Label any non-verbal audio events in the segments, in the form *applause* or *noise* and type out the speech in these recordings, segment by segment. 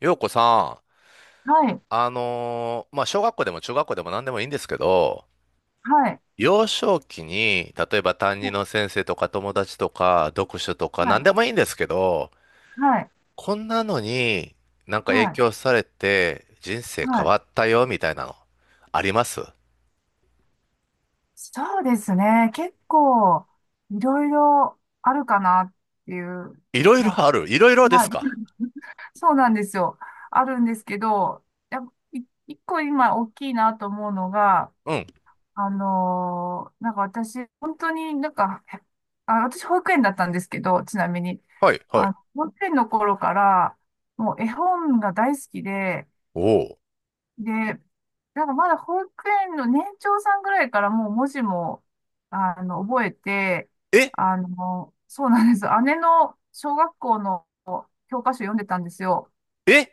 ようこさん、はい、小学校でも中学校でも何でもいいんですけど、はい、幼少期に、例えば担任の先生とか友達とか読書とかは何い、でもいいんですけど、はい、こんなのには影い、響されて人生は変い。わったよみたいなの、あります？そうですね。結構、いろいろあるかなっていう、いろいろなんか、ある？いろいろではすい、か？ *laughs* そうなんですよ。あるんですけど、やっぱい一個今大きいなと思うのが、うん。なんか私、本当にあ、私保育園だったんですけど、ちなみに、はい、はい。あ、保育園の頃から、もう絵本が大好きで、おお。で、なんかまだ保育園の年長さんぐらいからもう文字も、覚えて、えそうなんです。姉の小学校の教科書読んでたんですよ。え？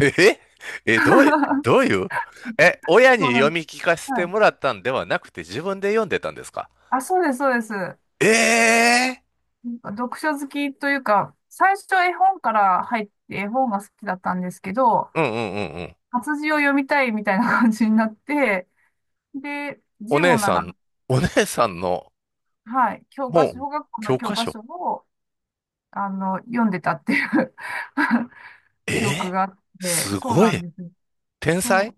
ええ、*laughs* そどういう、え、親うになん読でみす。聞かせてはい。もらったんではなくて自分で読んでたんですか？あ、そうです、そうです。なええんか読書好きというか、最初絵本から入って絵本が好きだったんですけど、ー、うんうんうんうん。活字を読みたいみたいな感じになって、で、お字姉もなさら、ん、お姉さんの、はい、教科も書、う小学校の教科教科書。書を、読んでたっていう え *laughs* 記憶えがあっー、て、すそうごなんい。です。天そ才。う。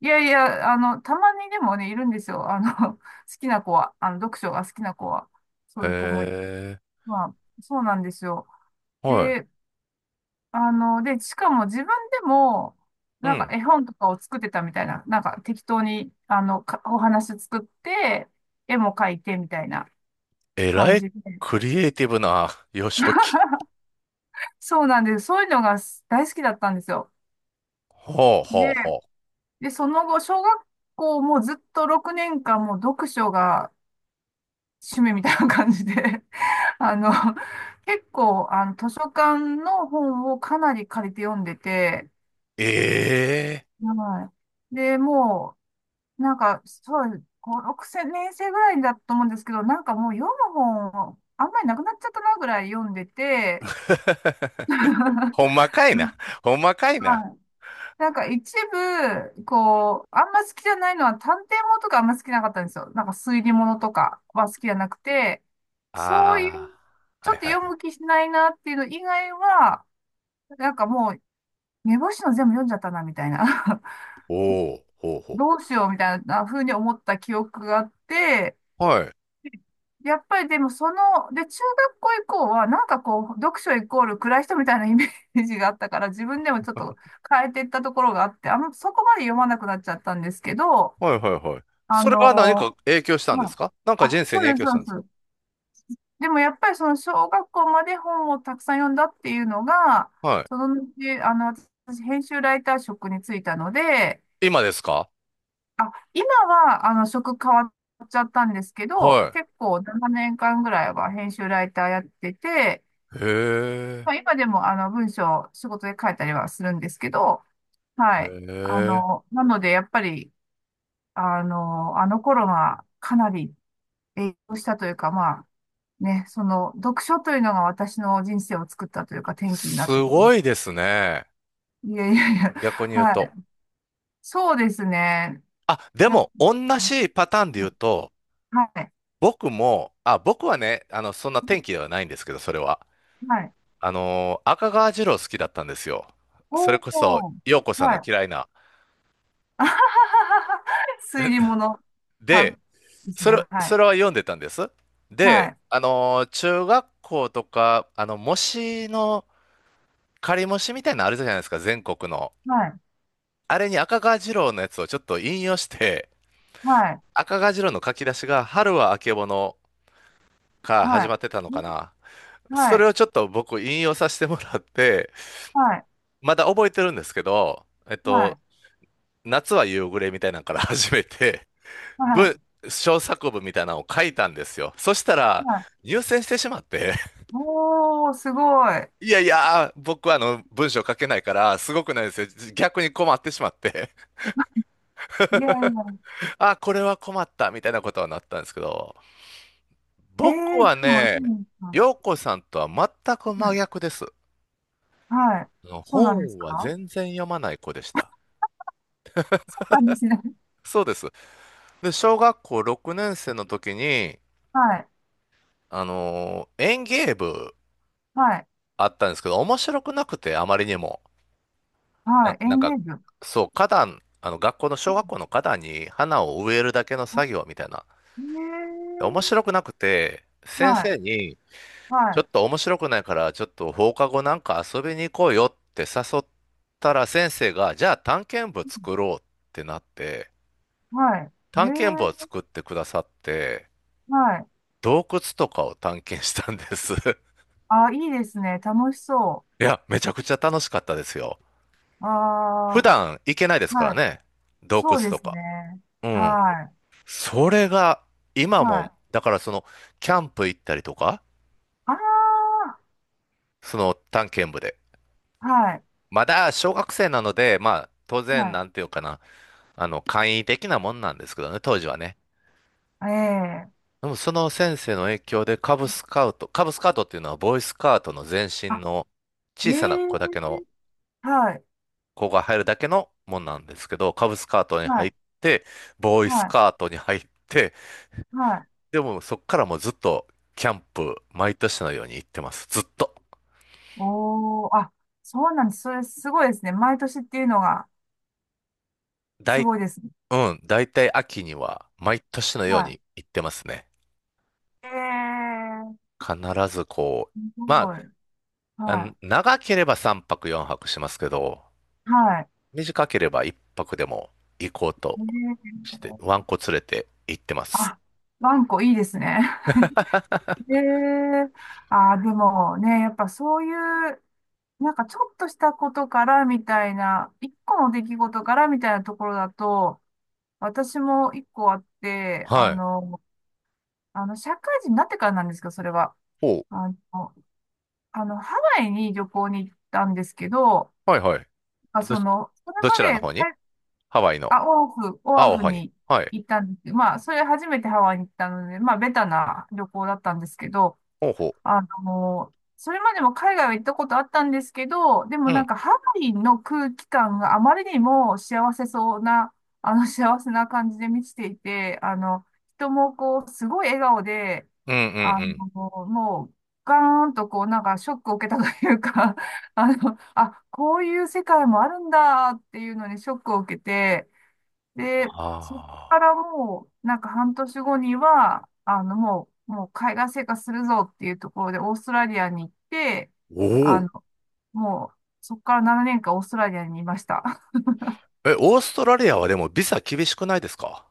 いやいや、たまにでもね、いるんですよ。好きな子は、読書が好きな子は、そへういう子もい、え、まあ、そうなんですよ。はい。で、で、しかも自分でも、うなんかん。絵本とかを作ってたみたいな、なんか適当に、かお話作って、絵も描いてみたいなえ感らい。じで。クリエイティブな *laughs* 幼少期。そうなんです。そういうのが大好きだったんですよ。ほうほでうほで、その後、小学校もずっと6年間もう読書が趣味みたいな感じで *laughs* あの、結構、図書館の本をかなり借りて読んでて、う。ええはい。で、もう、なんか、そう、5、6年生ぐらいだと思うんですけど、なんかもう読む本、あんまりなくなっちゃったなぐらい読んでて、ー。 *laughs* *laughs* はほんまかいな。ほんまかいな。い。なんか一部、こう、あんま好きじゃないのは探偵物とかあんま好きなかったんですよ。なんか推理物とかは好きじゃなくて、そういう、ああ。ちょはっいとはい読はい。む気しないなっていうの以外は、なんかもう、目星の全部読んじゃったな、みたいな。*laughs* おお、ほうほどうしよう、みたいな風に思った記憶があって、う。はい。やっぱりでもその、で、中学校以降は、なんかこう、読書イコール暗い人みたいなイメージがあったから、自分でもちょっと変えていったところがあって、あんまそこまで読まなくなっちゃったんですけど、はいはいはい。あそれは何かの、影響したんですまか？なんあ、かあ、人生そにうで影す、響しそうたんでですか？す。でもやっぱりその小学校まで本をたくさん読んだっていうのが、はその後、あの、私、編集ライター職に就いたので、い。今ですか？あ、今は、職変わっちゃったんですけど、は結構7年間ぐらいは編集ライターやってて、い。へえ。まあ、今でも、文章、仕事で書いたりはするんですけど、へはい。え。なので、やっぱり、あの頃がかなり影響したというか、まあ、ね、その、読書というのが私の人生を作ったというか、転機になったすという。ごいですね。いやいやいや、逆に言うはと。い。そうですね。あ、でなも、同じパターンで言うと、はい。僕はね、あの、そんな天気ではないんですけど、それは。はい。あのー、赤川次郎好きだったんですよ。そおれこそ、お、陽子さんはのい。嫌いな。あはははは推理物さんで、ですね。はそい。れは読んでたんです。はで、い。あのー中学校とか、あの、模試の、仮模試みたいなのあるじゃないですか、全国の。はい。あれに赤川次郎のやつをちょっと引用して、はい。赤が白の書き出しが春はあけぼのからは始まっい。てたのかな。そはれい。をちょっと僕引用させてもらって、はい。まだ覚えてるんですけど、はい。夏は夕暮れみたいなのから始めて、は文、い。小作文みたいなのを書いたんですよ。そしたら、はい。入選してしまって、おー、すごい。いやいや、僕はあの文章書けないから、すごくないですよ。逆に困ってしまって、いやいや。あ、これは困ったみたいなことはなったんですけど、え僕ー、はでもいね、いな。陽子さんとは全くは真い。逆です。はい。のそうなんです本はか全然読まない子でした。そうなんですね。そうです。で、小学校6年生の時に、*laughs* はい。あのー園芸部はい。あったんですけど、面白くなくて、あまりにも。はい。エなんンか、ゲージそう、花壇、あの、学校の小学校の花壇に花を植えるだけの作業みたいな。ええ面白くなくて、先はい。生に、はちょい。っと面白くないから、ちょっと放課後なんか遊びに行こうよって誘ったら、先生が、じゃあ探検部作ろうってなって、はい。探検部をええ作ってくださって、はい。洞窟とかを探検したんです。*laughs* あ、いいですね。楽しそいや、めちゃくちゃ楽しかったですよ。う。普あ段行けないですあ、からはい。ね。洞窟そうでとすか。ね。うん。はそれが、今い。はも、い。だからその、キャンプ行ったりとか、あその探検部で。あ、はい。まだ小学生なので、まあ、当然、はなんていうかな、あの、簡易的なもんなんですけどね、当時はね。い。ええでもその先生の影響でカブスカウトっていうのはボーイスカウトの前身あ、のえ小さなえ子だけのはい。子が入るだけのもんなんですけど、カブスカートには入い。って、ボーイスはい。カートに入って、はい。でもそっからもうずっとキャンプ、毎年のように行ってます。ずっと。おーあ、そうなんです。それすごいですね。毎年っていうのがだすい、ごいですね。うん、だいたい秋には毎年のようはに行ってますね。い。ええ必ずこう、すまごい。あ、あのは長ければ3泊4泊しますけど、い。はい。短ければ1泊でも行こうとねして、ワえンコ連れて行ってます。ワンコいいですね。*laughs* ええああ、でもね、やっぱそういう、なんかちょっとしたことからみたいな、一個の出来事からみたいなところだと、私も一個あって、はい。社会人になってからなんですけど、それは。おう、あの、あのハワイに旅行に行ったんですけど、はいはい。まあ、ど、その、それどまちらので方に？海ハワイの。あ、オアフ、オアあ、おフはに。にはい。行ったんですけど、まあ、それ初めてハワイに行ったので、まあ、ベタな旅行だったんですけど、ほうほそれまでも海外は行ったことあったんですけど、でもう。うなんん。かハワイの空気感があまりにも幸せそうな、幸せな感じで満ちていて、人もこう、すごい笑顔で、うん、うん、あうの、ん。もう、ガーンとこう、なんかショックを受けたというか、あ、こういう世界もあるんだっていうのにショックを受けて、で、そこあかあ。らもう、なんか半年後には、もう海外生活するぞっていうところでオーストラリアに行って、おあお。の、もう、そこから7年間オーストラリアにいました。*laughs* え、オーストラリアはでもビザ厳しくないですか？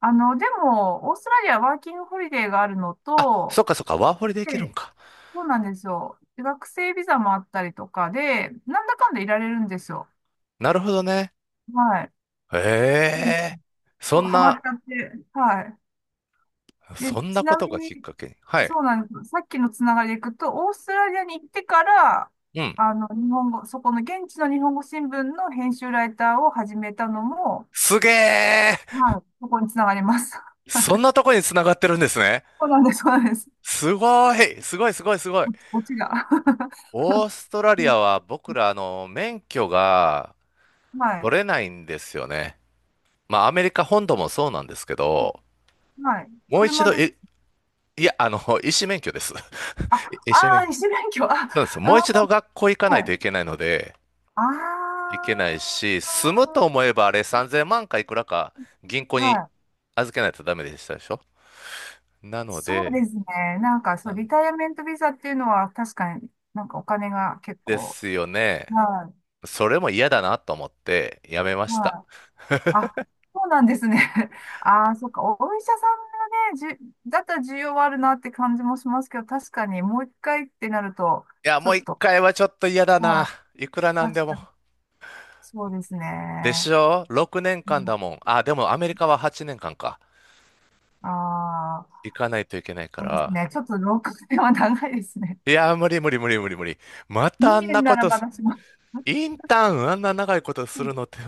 でも、オーストラリアはワーキングホリデーがあるのあ、そと、っかそっか、ワーホリで行けるんでか。そうなんですよ。で学生ビザもあったりとかで、なんだかんだいられるんですよ。なるほどね。はい。へうんえ。そそう、んハマっな、ちゃって、はい。で、そんなちこなとみがきっに、かけに。はい。そうなんです。さっきのつながりでいくと、オーストラリアに行ってから、うん。日本語、そこの現地の日本語新聞の編集ライターを始めたのも、すげえ。はい、そこにつながります。*laughs* そんなとこに繋がってるんですね。そうなんです、そうなんです。すごい。すごい、すごい、すごい。オチが。*laughs* オーストラリアは僕ら、あの、免許がはい、取れないんですよね。まあ、アメリカ本土もそうなんですけど、はい。もう一車度、です。え、いや、あの、*laughs* 医師免許です。あ、*laughs* 医師あ免ー、許。二種免許。あ、そうです。あもう一度ー、学校行かなはいとい。いけないので、あいけないし、住むと思えばあれ3000万かいくらか銀行ー、にはい。預けないとダメでしたでしょ？なのそうで、ですね。なんか、そなう、リんタイアメントビザっていうのは、確かになんかお金が結で構、すよね。はそれも嫌だなと思ってやめまい、した。はい。あ、そうなんですね。*laughs* ああ、そっか。お医者さんがね、じゅ、だったら需要はあるなって感じもしますけど、確かにもう一回ってなると、いや、ちょもうっ一と、回はちょっと嫌だはな。い。いくらなんで確かも。に、そうですでしね。ょ？ 6 年う間だん、もん。あ、でもアメリカは8年間かんか。ああ、行かないといけないかそうですら。ね。ちょっと6年は長いですね。いや、無理無理無理無理無理。またあん2な年なこらとまだします。インターンあんな長いことうすんるのって *laughs*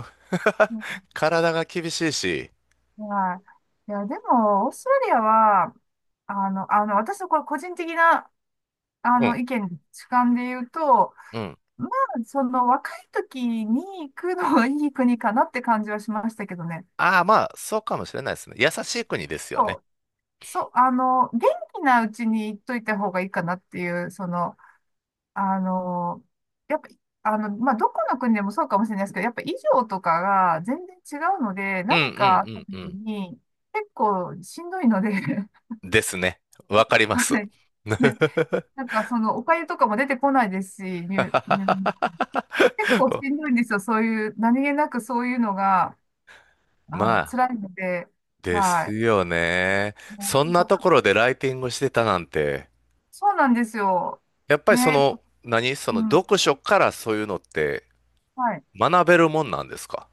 うん体が厳しいし。はい。いや、でも、オーストラリアは、私のこれ個人的な、うん、意見、主観で言うと、うん。まあ、その若い時に行くのはいい国かなって感じはしましたけどね。ああ、まあ、そうかもしれないですね。優しい国ですよそね。う、そう、元気なうちに行っといた方がいいかなっていう、その、あの、やっぱ、まあ、どこの国でもそうかもしれないですけど、やっぱ衣装とかが全然違うので、うん、う何かあったん、う時ん、に結構しんどいので *laughs* うん。ですね。わかります。はい。*laughs* *laughs* なんかそのお粥とかも出てこないですし、うん結構しんどいんですよ。そういう、何気なくそういうのが、まあ、辛いので、ではすい。よね。もそうんやっなぱとかころでライティングしてたなんて、そうなんですよ。やっぱりそね、の、何そのうん、読書からそういうのってはい。学べるもんなんですか？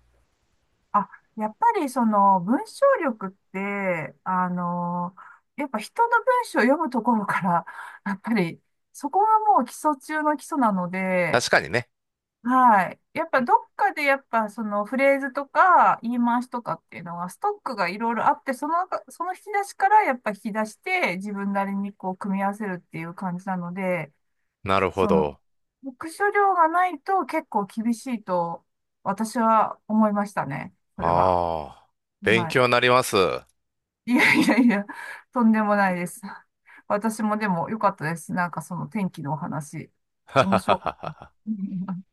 あ、やっぱりその文章力って、やっぱ人の文章を読むところから、*laughs* やっぱりそこがもう基礎中の基礎なので、確かにね。はい。やっぱどっかでやっぱそのフレーズとか言い回しとかっていうのはストックがいろいろあって、その引き出しからやっぱ引き出して自分なりにこう組み合わせるっていう感じなので、なるほその、ど。読書量がないと結構厳しいと私は思いましたね。それは。ああ、勉はい。強になります。*laughs* はいやいやいや、とんでもないです。私もでも良かったです。なんかその天気のお話、はは面は白かった。は。*laughs*